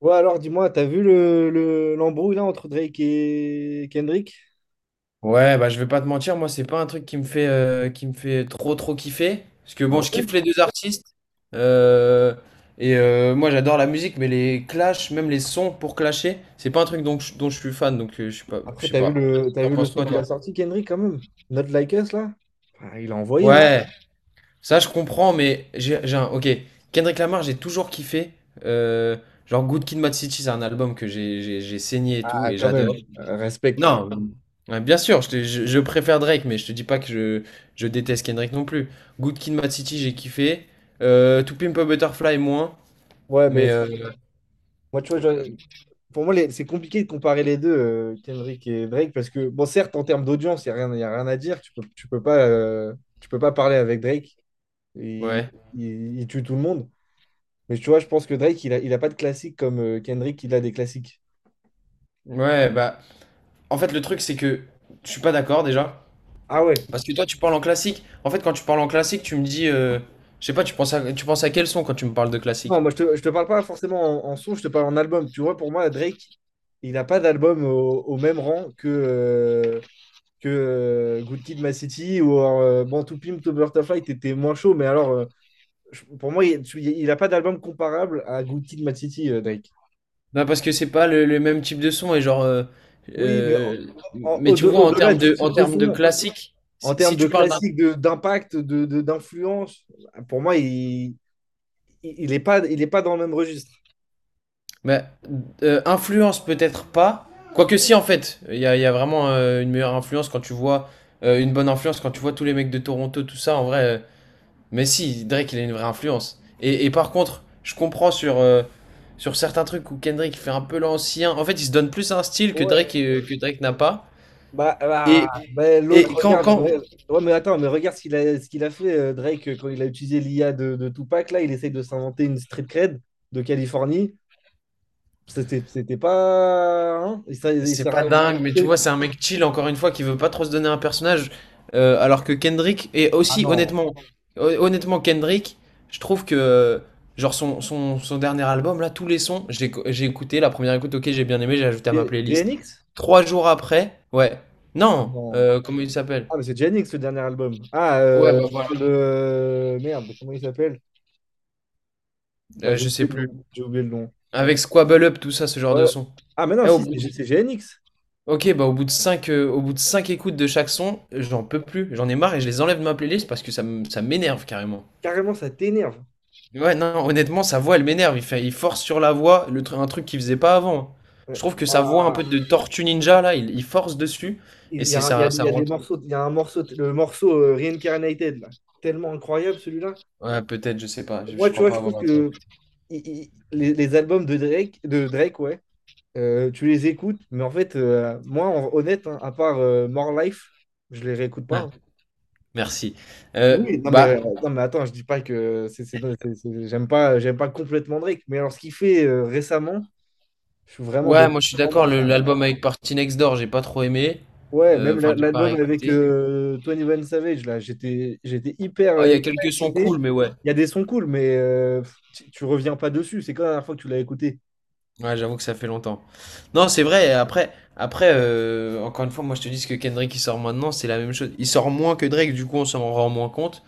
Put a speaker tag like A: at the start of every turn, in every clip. A: Ouais, alors dis-moi, t'as vu l'embrouille là entre Drake et Kendrick?
B: Ouais, bah je vais pas te mentir, moi c'est pas un truc qui me fait trop trop kiffer. Parce que
A: Ah
B: bon, je kiffe
A: ouais?
B: les deux artistes. euh, et moi j'adore la musique, mais les clashs, même les sons pour clasher, c'est pas un truc dont je suis fan, donc je sais pas, je
A: Après,
B: sais pas.
A: t'as
B: T'en
A: vu le
B: penses
A: son
B: quoi
A: qu'il a
B: toi?
A: sorti, Kendrick, quand même? Not Like Us, là? Ah, il a envoyé, hein?
B: Ouais, ça je comprends, mais j'ai un. Ok. Kendrick Lamar, j'ai toujours kiffé. euh, genre Good Kid, Mad City, c'est un album que j'ai saigné et tout,
A: Ah,
B: et
A: quand
B: j'adore.
A: même. Respect.
B: Non, ouais, bien sûr, je préfère Drake, mais je te dis pas que je déteste Kendrick non plus. Good Kid, Mad City, j'ai kiffé. To Pimp a Butterfly, moins.
A: Ouais, mais
B: Mais
A: moi, tu vois, pour moi, c'est compliqué de comparer les deux, Kendrick et Drake, parce que, bon, certes, en termes d'audience, il n'y a rien, y a rien à dire. Tu peux pas, tu peux pas parler avec Drake. Il,
B: ouais.
A: il tue tout le monde. Mais tu vois, je pense que Drake, il a pas de classique comme Kendrick, il a des classiques.
B: Ouais, bah. En fait, le truc, c'est que je suis pas d'accord déjà.
A: Ah ouais.
B: Parce que toi, tu parles en classique. En fait, quand tu parles en classique, tu me dis, je sais pas, tu penses à quel son quand tu me parles de
A: Non,
B: classique?
A: moi, je te parle pas forcément en son, je te parle en album. Tu vois, pour moi, Drake, il n'a pas d'album au même rang que Good Kid, M.A. City ou Born to Pimp, To Butterfly, t'étais moins chaud. Mais alors, pour moi, il n'a pas d'album comparable à Good Kid, M.A. City, Drake.
B: Bah parce que c'est pas le même type de son et genre.
A: Oui, mais
B: Euh, mais tu vois, en
A: au-delà
B: termes
A: du
B: de,
A: type
B: en
A: de
B: termes de
A: son,
B: classique, si
A: en
B: si
A: termes de
B: tu parles d'un.
A: classique, d'impact, d'influence, pour moi, il est pas dans le même registre.
B: Bah, influence peut-être pas. Quoique si en fait, il y a vraiment une meilleure influence quand tu vois, une bonne influence quand tu vois tous les mecs de Toronto, tout ça, en vrai. Mais si, Drake, il a une vraie influence. Et par contre, je comprends sur certains trucs où Kendrick fait un peu l'ancien. En fait, il se donne plus un style que Drake,
A: Ouais.
B: euh, que Drake n'a pas.
A: Bah, bah,
B: Et,
A: bah, l'autre,
B: et quand,
A: regarde.
B: quand,
A: Ouais, mais attends, mais regarde ce qu'il a fait, Drake, quand il a utilisé l'IA de Tupac. Là, il essaye de s'inventer une street cred de Californie. C'était pas. Hein. il s'est il
B: C'est
A: s'est ra-
B: pas
A: il s'est
B: dingue, mais tu
A: raconté.
B: vois, c'est un mec chill, encore une fois, qui veut pas trop se donner un personnage. Alors que Kendrick, et
A: Ah
B: aussi,
A: non.
B: honnêtement, Kendrick, je trouve que, genre, son dernier album, là, tous les sons, j'ai écouté, la première écoute, ok, j'ai bien aimé, j'ai ajouté à ma playlist.
A: JNX?
B: Trois jours après, ouais.
A: Ah
B: Non,
A: non.
B: comment il s'appelle?
A: Ah, mais c'est JNX le dernier album. Ah,
B: Ouais, bah
A: tu
B: voilà.
A: parles de. Merde, comment il s'appelle? Bah, j'ai
B: Je
A: oublié
B: sais
A: le
B: plus.
A: nom. J'ai oublié le nom.
B: Avec Squabble Up, tout ça, ce genre de
A: Ouais.
B: son.
A: Ah, mais non,
B: Et au
A: si,
B: bout
A: c'est JNX.
B: Ok, bah au bout de 5, au bout de cinq écoutes de chaque son, j'en peux plus, j'en ai marre et je les enlève de ma playlist parce que ça m'énerve carrément.
A: Carrément, ça t'énerve.
B: Ouais, non, non, honnêtement, sa voix, elle m'énerve. Il fait, il force sur la voix, un truc qu'il faisait pas avant. Je
A: Ouais.
B: trouve que sa voix un
A: Bah,
B: peu de Tortue Ninja, là, il force dessus et c'est ça,
A: Il
B: ça
A: y a des
B: rentre.
A: morceaux, il y a un morceau, le morceau Reincarnated, là. Tellement incroyable celui-là.
B: Ouais, peut-être, je sais pas, je,
A: Moi,
B: je
A: tu
B: crois
A: vois,
B: pas
A: je
B: avoir
A: trouve
B: un truc.
A: que les albums de Drake, ouais, tu les écoutes, mais en fait, moi, honnête, hein, à part More Life, je les réécoute pas.
B: Ah,
A: Hein.
B: merci. Euh,
A: Oui, non mais,
B: bah,
A: non mais attends, je dis pas que j'aime pas complètement Drake, mais alors ce qu'il fait récemment, je suis vraiment de
B: ouais, moi je suis
A: moins en
B: d'accord,
A: moins fan.
B: l'album avec Party Next Door, j'ai pas trop aimé.
A: Ouais, même
B: Enfin, j'ai pas
A: l'album avec
B: réécouté.
A: 21 Savage, là, j'étais hyper,
B: Ah, il y a
A: hyper
B: quelques sons
A: excité.
B: cool, mais ouais.
A: Il y a des sons cool, mais tu reviens pas dessus. C'est quand la dernière fois que tu l'as écouté?
B: Ouais, j'avoue que ça fait longtemps. Non, c'est vrai, après, encore une fois, moi je te dis ce que Kendrick il sort maintenant, c'est la même chose. Il sort moins que Drake, du coup on s'en rend moins compte.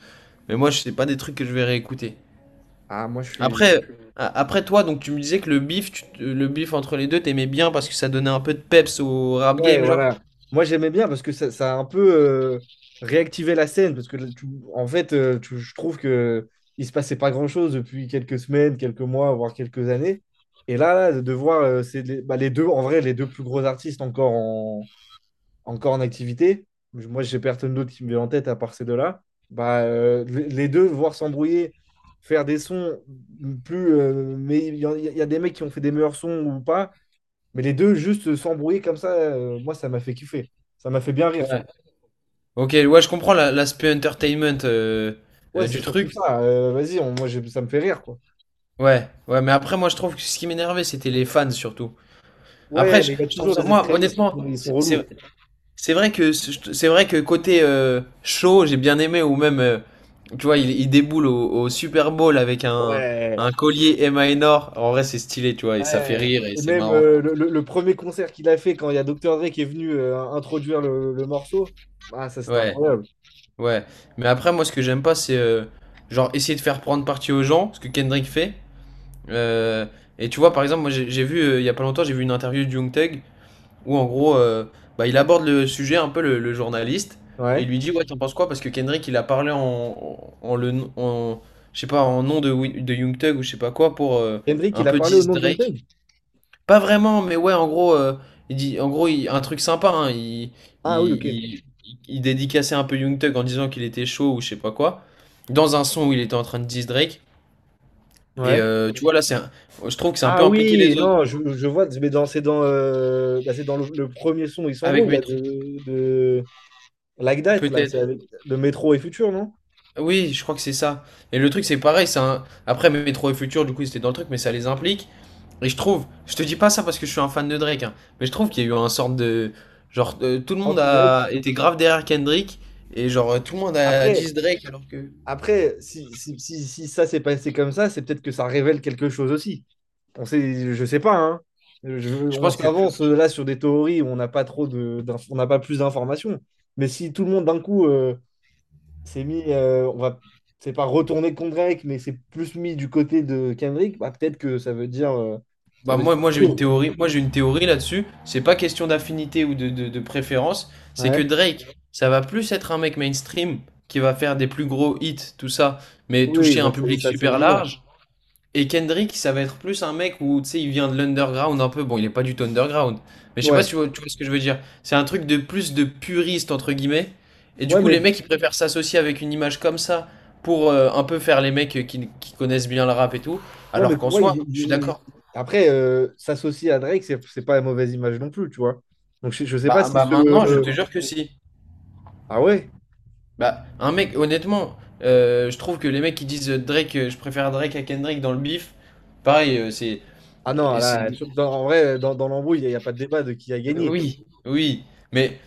B: Mais moi, je sais pas des trucs que je vais réécouter.
A: Ah, moi, je suis...
B: Après, après toi, donc tu me disais que le beef, le beef entre les deux, t'aimais bien parce que ça donnait un peu de peps au rap
A: Ouais,
B: game, genre?
A: voilà. Moi, j'aimais bien parce que ça a un peu réactivé la scène. Parce que, en fait, je trouve que il se passait pas grand-chose depuis quelques semaines, quelques mois, voire quelques années. Et là, de voir c'est bah, les deux, en vrai, les deux plus gros artistes encore en activité. Moi, j'ai personne d'autre qui me vient en tête à part ces deux-là. Bah, les deux, voir s'embrouiller, faire des sons plus. Mais il y a des mecs qui ont fait des meilleurs sons ou pas. Mais les deux, juste s'embrouiller comme ça, moi, ça m'a fait kiffer. Ça m'a fait bien rire,
B: Ouais.
A: surtout.
B: Ok, ouais, je comprends l'aspect entertainment
A: Ouais,
B: du
A: c'est surtout
B: truc.
A: ça. Vas-y, moi, ça me fait rire, quoi.
B: Ouais, ouais, mais après, moi je trouve que ce qui m'énervait, c'était les fans surtout. Après,
A: Ouais,
B: je,
A: mais il y a
B: je trouve
A: toujours
B: ça,
A: des
B: moi,
A: extrémistes.
B: honnêtement,
A: Ils sont relous.
B: C'est vrai que côté show, j'ai bien aimé ou même tu vois, il déboule au Super Bowl avec un
A: Ouais.
B: un collier Emma Enor. En vrai, c'est stylé, tu vois, et ça fait
A: Ouais.
B: rire et
A: Et
B: c'est
A: même
B: marrant.
A: le premier concert qu'il a fait quand il y a Dr. Dre qui est venu introduire le morceau, ah, ça c'était
B: Ouais,
A: incroyable.
B: ouais. Mais après, moi, ce que j'aime pas, c'est genre essayer de faire prendre parti aux gens, ce que Kendrick fait. Euh, et tu vois, par exemple, moi, j'ai vu il y a pas longtemps, j'ai vu une interview de Young Thug où en gros, bah, il aborde le sujet un peu le journaliste et il
A: Ouais.
B: lui dit ouais t'en penses quoi parce que Kendrick il a parlé je sais pas en nom de Young Thug ou je sais pas quoi pour
A: Kendrick,
B: un
A: il a
B: peu
A: parlé au
B: diss
A: nom de John
B: Drake.
A: Wayne?
B: Pas vraiment mais ouais en gros il dit en gros un truc sympa hein,
A: Ah oui,
B: il,
A: ok.
B: il, il dédicaçait un peu Young Thug en disant qu'il était chaud ou je sais pas quoi dans un son où il était en train de diss Drake et
A: Ouais.
B: tu vois là je trouve que c'est un
A: Ah
B: peu impliqué
A: oui,
B: les autres
A: non, je vois, mais bah, c'est dans le premier son, ils s'en
B: avec
A: vont, là,
B: Metro
A: de Like That, là, c'est
B: peut-être.
A: avec de Métro et Futur, non?
B: Oui, je crois que c'est ça. Et le truc, c'est pareil, Après, Métro et Futur, du coup, c'était dans le truc, mais ça les implique. Et je trouve, je te dis pas ça parce que je suis un fan de Drake, hein, mais je trouve qu'il y a eu un sorte de. Genre, tout le monde
A: Anti Drake.
B: a été grave derrière Kendrick, et genre, tout le monde a
A: Après,
B: dit Drake, alors que.
A: après, si ça s'est passé comme ça, c'est peut-être que ça révèle quelque chose aussi. On sait, je sais pas, hein. Je-
B: Je
A: on
B: pense que.
A: s'avance là sur des théories où on n'a pas trop on n'a pas plus d'informations. Mais si tout le monde d'un coup, c'est mis, c'est pas retourner contre Drake, mais c'est plus mis du côté de Kendrick, bah, peut-être que ça veut dire, euh, ça
B: Bah,
A: veut dire
B: moi j'ai une
A: chaud.
B: théorie, moi, j'ai une théorie là-dessus. C'est pas question d'affinité ou de préférence, c'est que
A: Ouais.
B: Drake, ça va plus être un mec mainstream qui va faire des plus gros hits, tout ça, mais
A: Oui,
B: toucher un public
A: ça, c'est
B: super
A: évident.
B: large. Et Kendrick, ça va être plus un mec où, tu sais, il vient de l'underground un peu. Bon, il est pas du tout underground. Mais je sais pas si
A: Ouais.
B: tu vois, tu vois ce que je veux dire. C'est un truc de plus de puriste, entre guillemets. Et du
A: Ouais,
B: coup,
A: mais,
B: les mecs, ils préfèrent s'associer avec une image comme ça pour un peu faire les mecs qui connaissent bien le rap et tout.
A: ouais, mais
B: Alors
A: pour
B: qu'en
A: moi,
B: soi, je suis d'accord.
A: après, s'associer à Drake, c'est pas une mauvaise image non plus, tu vois. Donc je sais pas
B: Bah,
A: si
B: bah
A: ce.
B: maintenant, je te jure que si.
A: Ah ouais?
B: Bah, un mec, honnêtement, je trouve que les mecs qui disent Drake, je préfère Drake à Kendrick dans le bif, pareil, c'est.
A: Ah non,
B: C'est.
A: là, en vrai, dans l'embrouille, y a pas de débat de qui a gagné.
B: Oui, oui. Mais.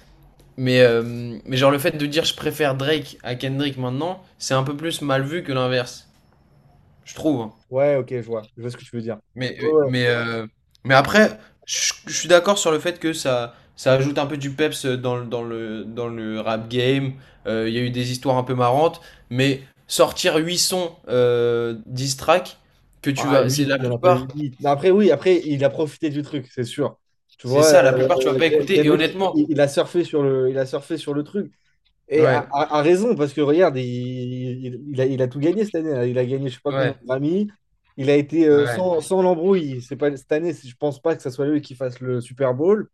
B: Mais genre le fait de dire je préfère Drake à Kendrick maintenant, c'est un peu plus mal vu que l'inverse, je trouve.
A: Ouais, ok, je vois. Je vois ce que tu veux dire.
B: Mais,
A: Ouais, ouais.
B: mais, euh, mais après, je suis d'accord sur le fait que ça ajoute un peu du peps dans le rap game. Il y a eu des histoires un peu marrantes, mais sortir 8 sons 10 tracks, que tu
A: Ah,
B: vas, c'est
A: 8, il
B: la
A: n'y en a pas eu
B: plupart,
A: 8. Mais après, oui, après, il a profité du truc, c'est sûr. Tu
B: c'est
A: vois,
B: ça, la plupart tu vas pas écouter. Et
A: Kendrick,
B: honnêtement,
A: il a surfé sur le truc. Et
B: ouais,
A: a raison, parce que regarde, il a tout gagné cette année. Hein. Il a gagné, je sais pas combien
B: ouais,
A: de Grammy. Il a été
B: ouais.
A: sans l'embrouille. C'est pas, cette année, je pense pas que ce soit lui qui fasse le Super Bowl.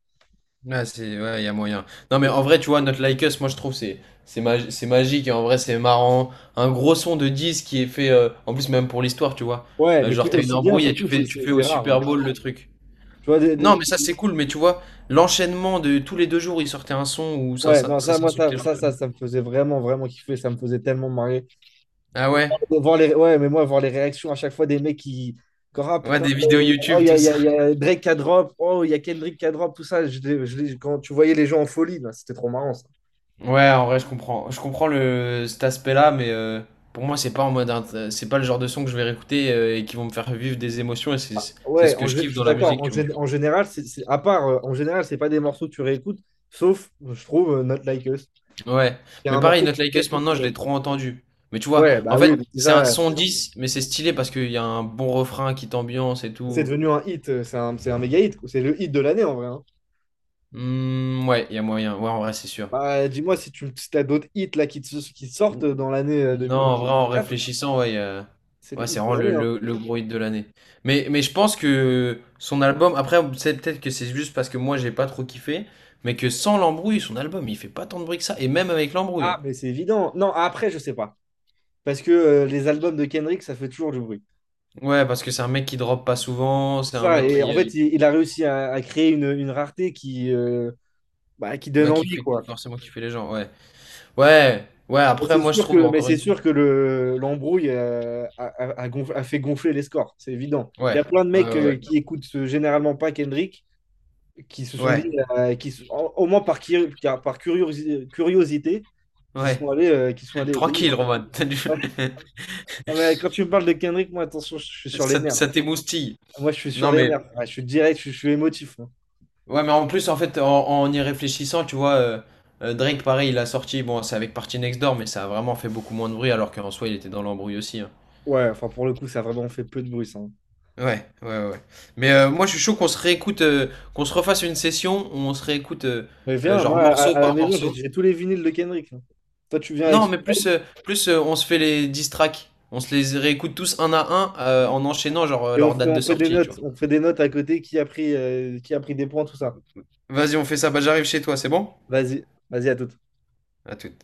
B: Ouais, c'est, ouais, il y a moyen. Non, mais en vrai, tu vois, notre Like Us, moi je trouve c'est magique et en vrai, c'est marrant. Un gros son de 10 qui est fait, en plus, même pour l'histoire, tu vois.
A: Ouais,
B: Euh,
A: mais qui,
B: genre, t'as une
A: aussi bien,
B: embrouille et tu
A: surtout,
B: fais, tu fais au
A: c'est rare.
B: Super
A: Hein.
B: Bowl le truc.
A: Tu vois,
B: Non, mais ça, c'est cool, mais tu vois, l'enchaînement de tous les deux jours, ils sortaient un son où ça,
A: ouais,
B: ça,
A: non,
B: ça
A: ça, moi,
B: s'insultait leur famille.
A: ça me faisait vraiment, vraiment kiffer. Ça me faisait tellement marrer.
B: Ah ouais?
A: De voir les... Ouais, mais moi, voir les réactions à chaque fois des mecs qui. Encore, ah
B: Ouais,
A: putain,
B: des vidéos
A: oh,
B: YouTube, tout ça.
A: il y a Drake qui a drop, oh, il y a Kendrick qui a drop, tout ça. Quand tu voyais les gens en folie, là, c'était trop marrant ça.
B: Ouais, en vrai, je comprends. Je comprends cet aspect-là, mais pour moi, c'est pas c'est pas le genre de son que je vais réécouter et qui vont me faire vivre des émotions et c'est
A: Ouais,
B: ce que je
A: je
B: kiffe
A: suis
B: dans la
A: d'accord.
B: musique,
A: En,
B: tu vois.
A: gé- en général, à part, en général, c'est pas des morceaux que tu réécoutes, sauf, je trouve, Not Like Us.
B: Ouais,
A: Il y a
B: mais
A: un
B: pareil,
A: morceau que
B: Not Like
A: tu
B: Us,
A: écoutes.
B: maintenant, je l'ai trop entendu. Mais tu vois,
A: Ouais,
B: en
A: bah
B: fait,
A: oui, mais c'est
B: c'est un
A: ça,
B: son 10, mais c'est stylé parce qu'il y a un bon refrain qui t'ambiance et
A: c'est
B: tout.
A: devenu un hit, c'est un méga hit, quoi. C'est le hit de l'année en vrai. Hein.
B: Hmm, ouais, il y a moyen. Ouais, en vrai, c'est sûr.
A: Bah, dis-moi si t'as d'autres hits là, qui sortent
B: N-
A: dans l'année
B: Non, en vrai, en
A: quatre,
B: réfléchissant, ouais,
A: c'est
B: ouais,
A: le
B: c'est
A: hit de
B: vraiment le,
A: l'année. Hein.
B: le, le gros hit de l'année. Mais je pense que son album, après, c'est peut-être que c'est juste parce que moi, j'ai pas trop kiffé, mais que sans l'embrouille, son album, il fait pas tant de bruit que ça, et même avec l'embrouille,
A: Ah,
B: hein.
A: mais c'est évident. Non, après, je sais pas. Parce que les albums de Kendrick, ça fait toujours du bruit.
B: Ouais, parce que c'est un mec qui drop pas souvent, c'est
A: C'est
B: un
A: ça,
B: mec
A: et en
B: qui,
A: fait, il a réussi à créer une rareté bah, qui donne
B: ouais, qui
A: envie,
B: fait
A: quoi.
B: forcément kiffer les gens, ouais. Ouais, ouais, après, moi, je trouve encore
A: C'est
B: une fois.
A: sûr que l'embrouille a fait gonfler les scores, c'est évident. Il y
B: Ouais,
A: a plein de
B: ouais,
A: mecs
B: ouais,
A: qui écoutent généralement pas Kendrick, qui se sont
B: ouais,
A: mis, au moins par curiosité, qui
B: ouais.
A: sont allés, euh, qui sont allés essayer.
B: Tranquille, Roman. T'as du-
A: Ouais. Non, mais quand tu me parles de Kendrick, moi, attention, je suis sur les
B: Ça,
A: nerfs.
B: ça t'émoustille.
A: Moi, je suis sur
B: Non,
A: les
B: mais,
A: nerfs. Ouais, je suis direct, je suis émotif. Hein.
B: ouais, mais en plus, en fait, en y réfléchissant, tu vois, Drake, pareil, il a sorti, bon, c'est avec Party Next Door, mais ça a vraiment fait beaucoup moins de bruit, alors qu'en soi, il était dans l'embrouille aussi, hein.
A: Ouais, enfin, pour le coup, ça a vraiment fait peu de bruit, ça. Hein.
B: Ouais, ouais, ouais. Mais moi, je suis chaud qu'on se réécoute, qu'on se refasse une session où on se réécoute,
A: Mais viens,
B: genre
A: moi,
B: morceau
A: à la
B: par
A: maison, j'ai
B: morceau.
A: j'ai tous les vinyles de Kendrick. Hein. Toi, tu viens avec
B: Non,
A: ce
B: mais
A: mec
B: plus, on se fait les 10 tracks. On se les réécoute tous un à un en enchaînant genre leur
A: et
B: date
A: on
B: de
A: fait des
B: sortie, tu
A: notes.
B: vois.
A: On fait des notes à côté qui a pris des points, tout ça.
B: Vas-y, on fait ça. Bah, j'arrive chez toi, c'est bon?
A: Vas-y, vas-y, à tout
B: À tout.